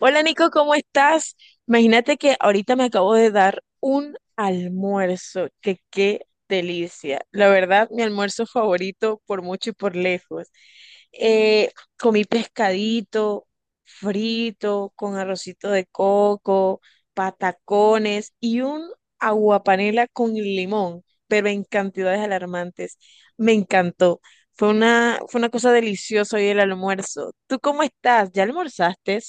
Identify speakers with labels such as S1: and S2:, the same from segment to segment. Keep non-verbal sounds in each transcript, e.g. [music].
S1: Hola Nico, ¿cómo estás? Imagínate que ahorita me acabo de dar un almuerzo, que ¡qué delicia! La verdad, mi almuerzo favorito por mucho y por lejos. Eh, Comí pescadito frito con arrocito de coco, patacones y un aguapanela con limón, pero en cantidades alarmantes. Me encantó. Fue una cosa deliciosa hoy el almuerzo. ¿Tú cómo estás? ¿Ya almorzaste?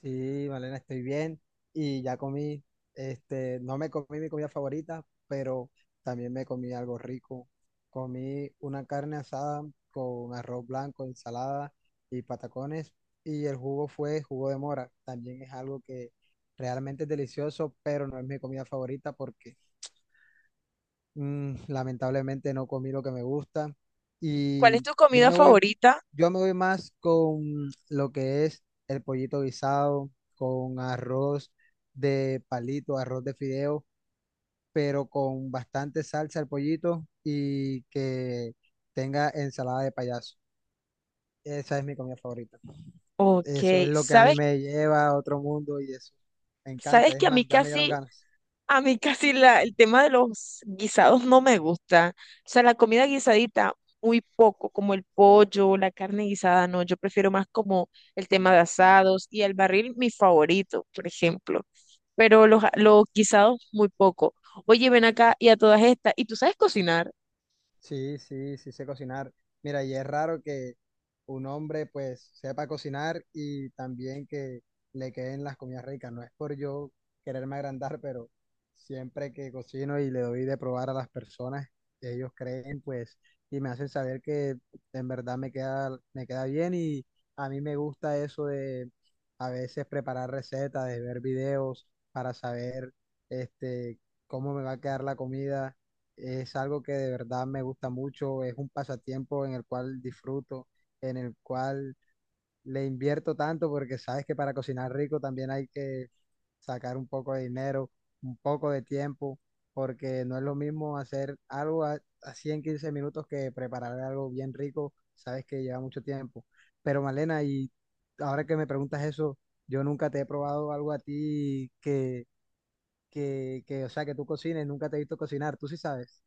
S2: Sí, Malena, estoy bien y ya comí, no me comí mi comida favorita, pero también me comí algo rico. Comí una carne asada con arroz blanco, ensalada y patacones, y el jugo fue jugo de mora. También es algo que realmente es delicioso, pero no es mi comida favorita porque lamentablemente no comí lo que me gusta.
S1: ¿Cuál es
S2: y
S1: tu
S2: yo
S1: comida
S2: me voy,
S1: favorita?
S2: yo me voy más con lo que es el pollito guisado, con arroz de palito, arroz de fideo, pero con bastante salsa el pollito y que tenga ensalada de payaso. Esa es mi comida favorita.
S1: Ok,
S2: Eso es lo que a mí
S1: ¿sabes?
S2: me lleva a otro mundo y eso me
S1: ¿Sabes
S2: encanta. Es
S1: que a mí
S2: más, ya me dieron ganas.
S1: a mí casi el tema de los guisados no me gusta? O sea, la comida guisadita, muy poco, como el pollo, la carne guisada, no, yo prefiero más como el tema de asados y el barril, mi favorito, por ejemplo. Pero los guisados, muy poco. Oye, ven acá y a todas estas, ¿y tú sabes cocinar?
S2: Sí, sí, sí sé cocinar. Mira, y es raro que un hombre pues sepa cocinar y también que le queden las comidas ricas. No es por yo quererme agrandar, pero siempre que cocino y le doy de probar a las personas, ellos creen pues y me hacen saber que en verdad me queda bien, y a mí me gusta eso de a veces preparar recetas, de ver videos para saber este, cómo me va a quedar la comida. Es algo que de verdad me gusta mucho, es un pasatiempo en el cual disfruto, en el cual le invierto tanto porque sabes que para cocinar rico también hay que sacar un poco de dinero, un poco de tiempo, porque no es lo mismo hacer algo a, así en 15 minutos que preparar algo bien rico, sabes que lleva mucho tiempo. Pero Malena, y ahora que me preguntas eso, yo nunca te he probado algo a ti que, o sea, que tú cocines, nunca te he visto cocinar, tú sí sabes.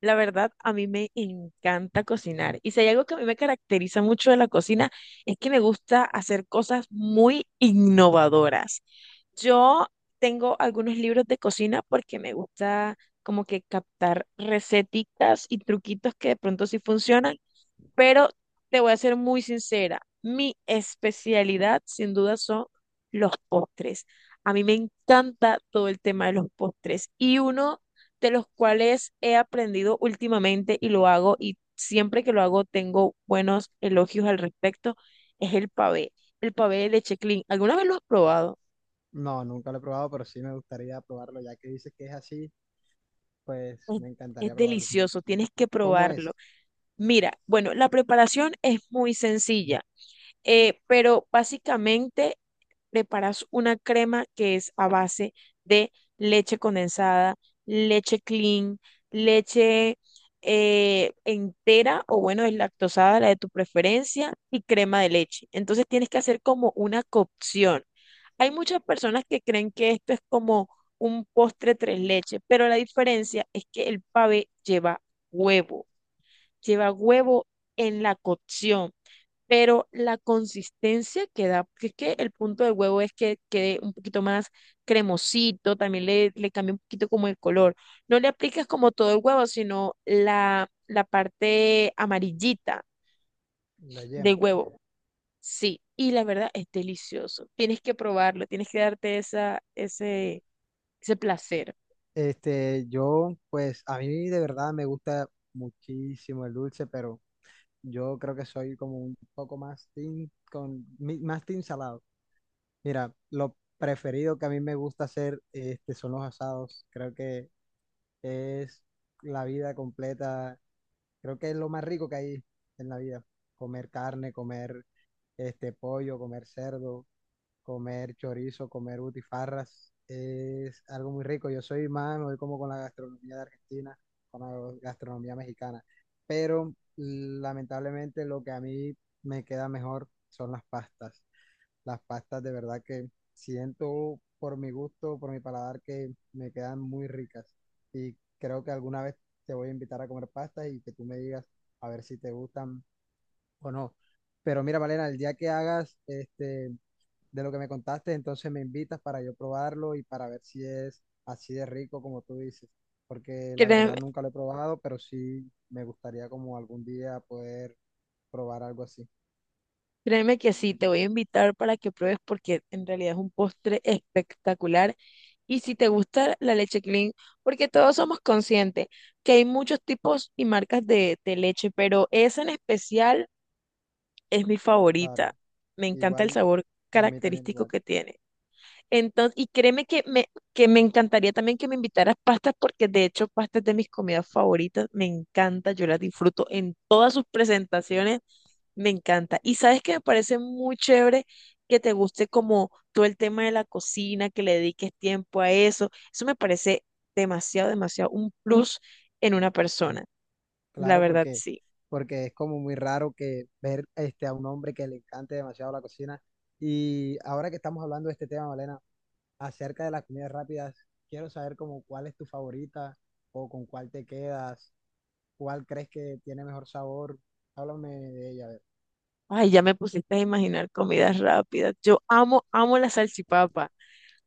S1: La verdad, a mí me encanta cocinar. Y si hay algo que a mí me caracteriza mucho de la cocina, es que me gusta hacer cosas muy innovadoras. Yo tengo algunos libros de cocina porque me gusta como que captar receticas y truquitos que de pronto sí funcionan, pero te voy a ser muy sincera, mi especialidad sin duda son los postres. A mí me encanta todo el tema de los postres y uno de los cuales he aprendido últimamente y lo hago y siempre que lo hago tengo buenos elogios al respecto es el pavé de leche clean. ¿Alguna vez lo has probado?
S2: No, nunca lo he probado, pero sí me gustaría probarlo, ya que dices que es así, pues
S1: Es
S2: me
S1: es
S2: encantaría probarlo.
S1: delicioso, tienes que
S2: ¿Cómo
S1: probarlo.
S2: es
S1: Mira, bueno, la preparación es muy sencilla. Pero básicamente preparas una crema que es a base de leche condensada, leche clean, leche entera o bueno, deslactosada, la de tu preferencia, y crema de leche. Entonces tienes que hacer como una cocción. Hay muchas personas que creen que esto es como un postre tres leches, pero la diferencia es que el pavé huevo, lleva huevo en la cocción, pero la consistencia que da, porque es que el punto del huevo es que quede un poquito más cremosito, también le cambia un poquito como el color. No le aplicas como todo el huevo, sino la parte amarillita
S2: la
S1: del
S2: yema?
S1: huevo. Sí, y la verdad es delicioso. Tienes que probarlo, tienes que darte ese placer.
S2: Yo, pues a mí de verdad me gusta muchísimo el dulce, pero yo creo que soy como un poco más team más team salado. Mira, lo preferido que a mí me gusta hacer son los asados. Creo que es la vida completa. Creo que es lo más rico que hay en la vida. Comer carne, comer este pollo, comer cerdo, comer chorizo, comer butifarras. Es algo muy rico. Yo soy más, me voy como con la gastronomía de Argentina, con la gastronomía mexicana. Pero lamentablemente lo que a mí me queda mejor son las pastas. Las pastas de verdad que siento, por mi gusto, por mi paladar, que me quedan muy ricas. Y creo que alguna vez te voy a invitar a comer pastas y que tú me digas, a ver si te gustan o no. Pero mira, Valena, el día que hagas de lo que me contaste, entonces me invitas para yo probarlo y para ver si es así de rico como tú dices. Porque
S1: Que
S2: la
S1: te-
S2: verdad nunca lo he probado, pero sí me gustaría como algún día poder probar algo así.
S1: Créeme que sí, te voy a invitar para que pruebes porque en realidad es un postre espectacular. Y si te gusta la leche clean, porque todos somos conscientes que hay muchos tipos y marcas de leche, pero esa en especial es mi favorita.
S2: Claro,
S1: Me encanta el
S2: igual,
S1: sabor
S2: a mí también
S1: característico
S2: igual.
S1: que tiene. Entonces, y que me encantaría también que me invitaras pastas, porque de hecho pastas de mis comidas favoritas, me encanta, yo las disfruto en todas sus presentaciones, me encanta. Y sabes que me parece muy chévere que te guste como todo el tema de la cocina, que le dediques tiempo a eso. Eso me parece demasiado, demasiado un plus en una persona. La
S2: Claro,
S1: verdad,
S2: porque,
S1: sí.
S2: porque es como muy raro que ver a un hombre que le encante demasiado la cocina. Y ahora que estamos hablando de este tema, Malena, acerca de las comidas rápidas, quiero saber como cuál es tu favorita, o con cuál te quedas, cuál crees que tiene mejor sabor. Háblame de ella, a ver.
S1: Ay, ya me pusiste a imaginar comidas rápidas. Amo la salchipapa.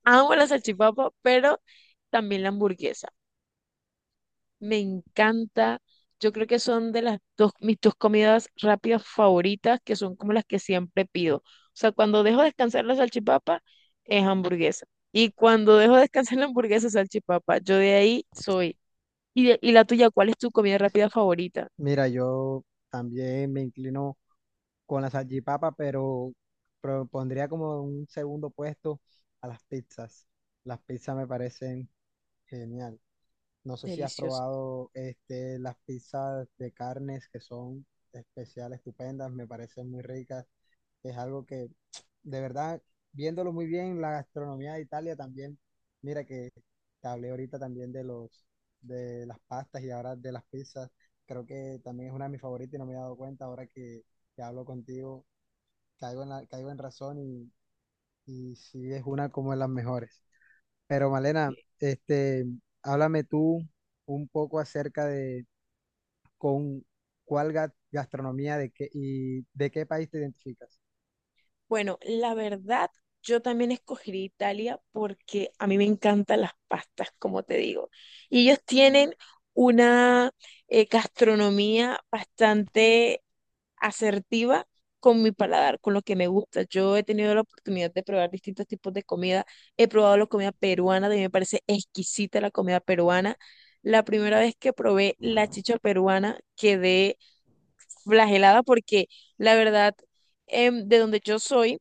S1: Amo la salchipapa, pero también la hamburguesa. Me encanta. Yo creo que son de las dos, mis dos comidas rápidas favoritas, que son como las que siempre pido. O sea, cuando dejo descansar la salchipapa, es hamburguesa. Y cuando dejo descansar la hamburguesa, salchipapa. Yo de ahí soy. Y la tuya, ¿cuál es tu comida rápida favorita?
S2: Mira, yo también me inclino con la salchipapa, pero propondría como un segundo puesto a las pizzas. Las pizzas me parecen genial. No sé si has
S1: Delicioso.
S2: probado las pizzas de carnes, que son especiales, estupendas, me parecen muy ricas. Es algo que, de verdad, viéndolo muy bien, la gastronomía de Italia también. Mira que te hablé ahorita también de los, de las pastas, y ahora de las pizzas. Creo que también es una de mis favoritas y no me he dado cuenta ahora que hablo contigo. Caigo en razón, y sí es una como de las mejores. Pero Malena, háblame tú un poco acerca de con cuál gastronomía de qué, y de qué país te identificas.
S1: Bueno, la verdad, yo también escogería Italia porque a mí me encantan las pastas, como te digo. Y ellos tienen una gastronomía bastante asertiva con mi paladar, con lo que me gusta. Yo he tenido la oportunidad de probar distintos tipos de comida. He probado la comida peruana, de mí me parece exquisita la comida peruana. La primera vez que probé la chicha peruana quedé flagelada porque la verdad, de donde yo soy,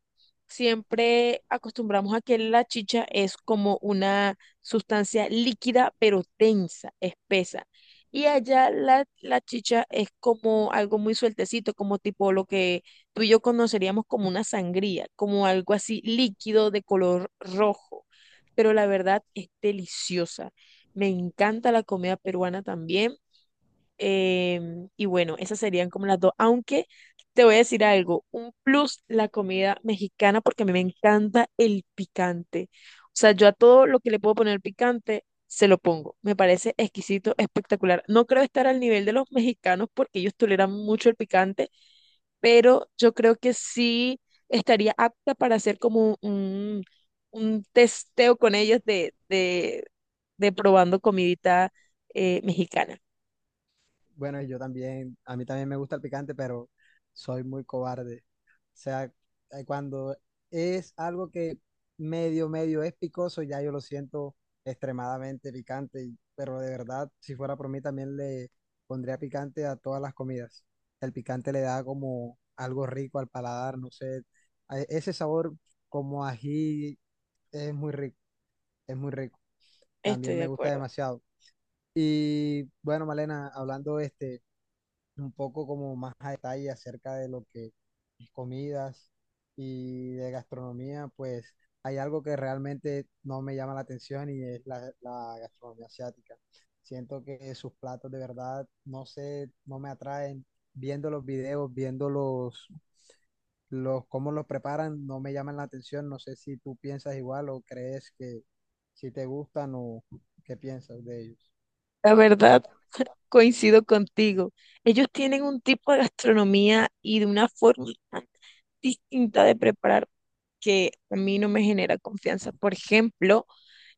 S1: siempre acostumbramos a que la chicha es como una sustancia líquida pero densa, espesa. Y allá la chicha es como algo muy sueltecito, como tipo lo que tú y yo conoceríamos como una sangría, como algo así líquido de color rojo. Pero la verdad es deliciosa. Me encanta la comida peruana también. Y bueno, esas serían como las dos. Aunque te voy a decir algo, un plus la comida mexicana porque a mí me encanta el picante. O sea, yo a todo lo que le puedo poner picante, se lo pongo. Me parece exquisito, espectacular. No creo estar al nivel de los mexicanos porque ellos toleran mucho el picante, pero yo creo que sí estaría apta para hacer como un testeo con ellos de probando comidita mexicana.
S2: Bueno, y yo también, a mí también me gusta el picante, pero soy muy cobarde. O sea, cuando es algo que medio es picoso, ya yo lo siento extremadamente picante, y- pero de verdad, si fuera por mí, también le pondría picante a todas las comidas. El picante le da como algo rico al paladar, no sé, a- ese sabor como ají es muy rico, es muy rico.
S1: Estoy
S2: También
S1: de
S2: me gusta
S1: acuerdo.
S2: demasiado. Y bueno, Malena, hablando un poco como más a detalle acerca de lo que es comidas y de gastronomía, pues hay algo que realmente no me llama la atención, y es la gastronomía asiática. Siento que sus platos de verdad, no sé, no me atraen. Viendo los videos, viendo los cómo los preparan, no me llaman la atención. No sé si tú piensas igual o crees que si te gustan o qué piensas de ellos.
S1: La verdad, [laughs] coincido contigo. Ellos tienen un tipo de gastronomía y de una forma [laughs] tan distinta de preparar que a mí no me genera confianza. Por ejemplo,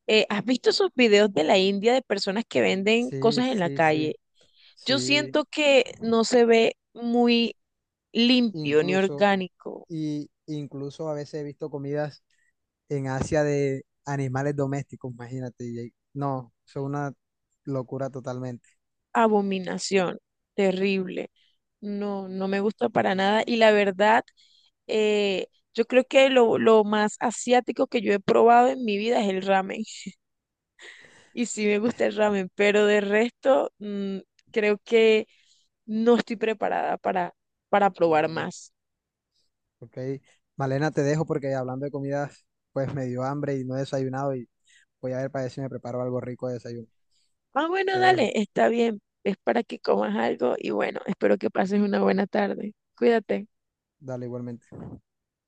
S1: ¿has visto esos videos de la India de personas que venden
S2: Sí,
S1: cosas en la
S2: sí, sí,
S1: calle? Yo
S2: sí,
S1: siento que no se ve muy limpio ni
S2: incluso,
S1: orgánico.
S2: y incluso a veces he visto comidas en Asia de animales domésticos, imagínate, y- ahí- no, eso es una locura totalmente.
S1: Abominación, terrible. No, no me gusta para nada. Y la verdad, eh, yo creo que lo más asiático que yo he probado en mi vida es el ramen. [laughs] Y sí me gusta el ramen, pero de resto, mm, creo que no estoy preparada para probar más.
S2: ¿Ok? Malena, te dejo porque hablando de comidas, pues me dio hambre y no he desayunado, y voy a ver para ver si me preparo algo rico de desayuno.
S1: Ah, bueno,
S2: Te dejo,
S1: dale, está bien. Es para que comas algo y bueno, espero que pases una buena tarde. Cuídate.
S2: dale igualmente.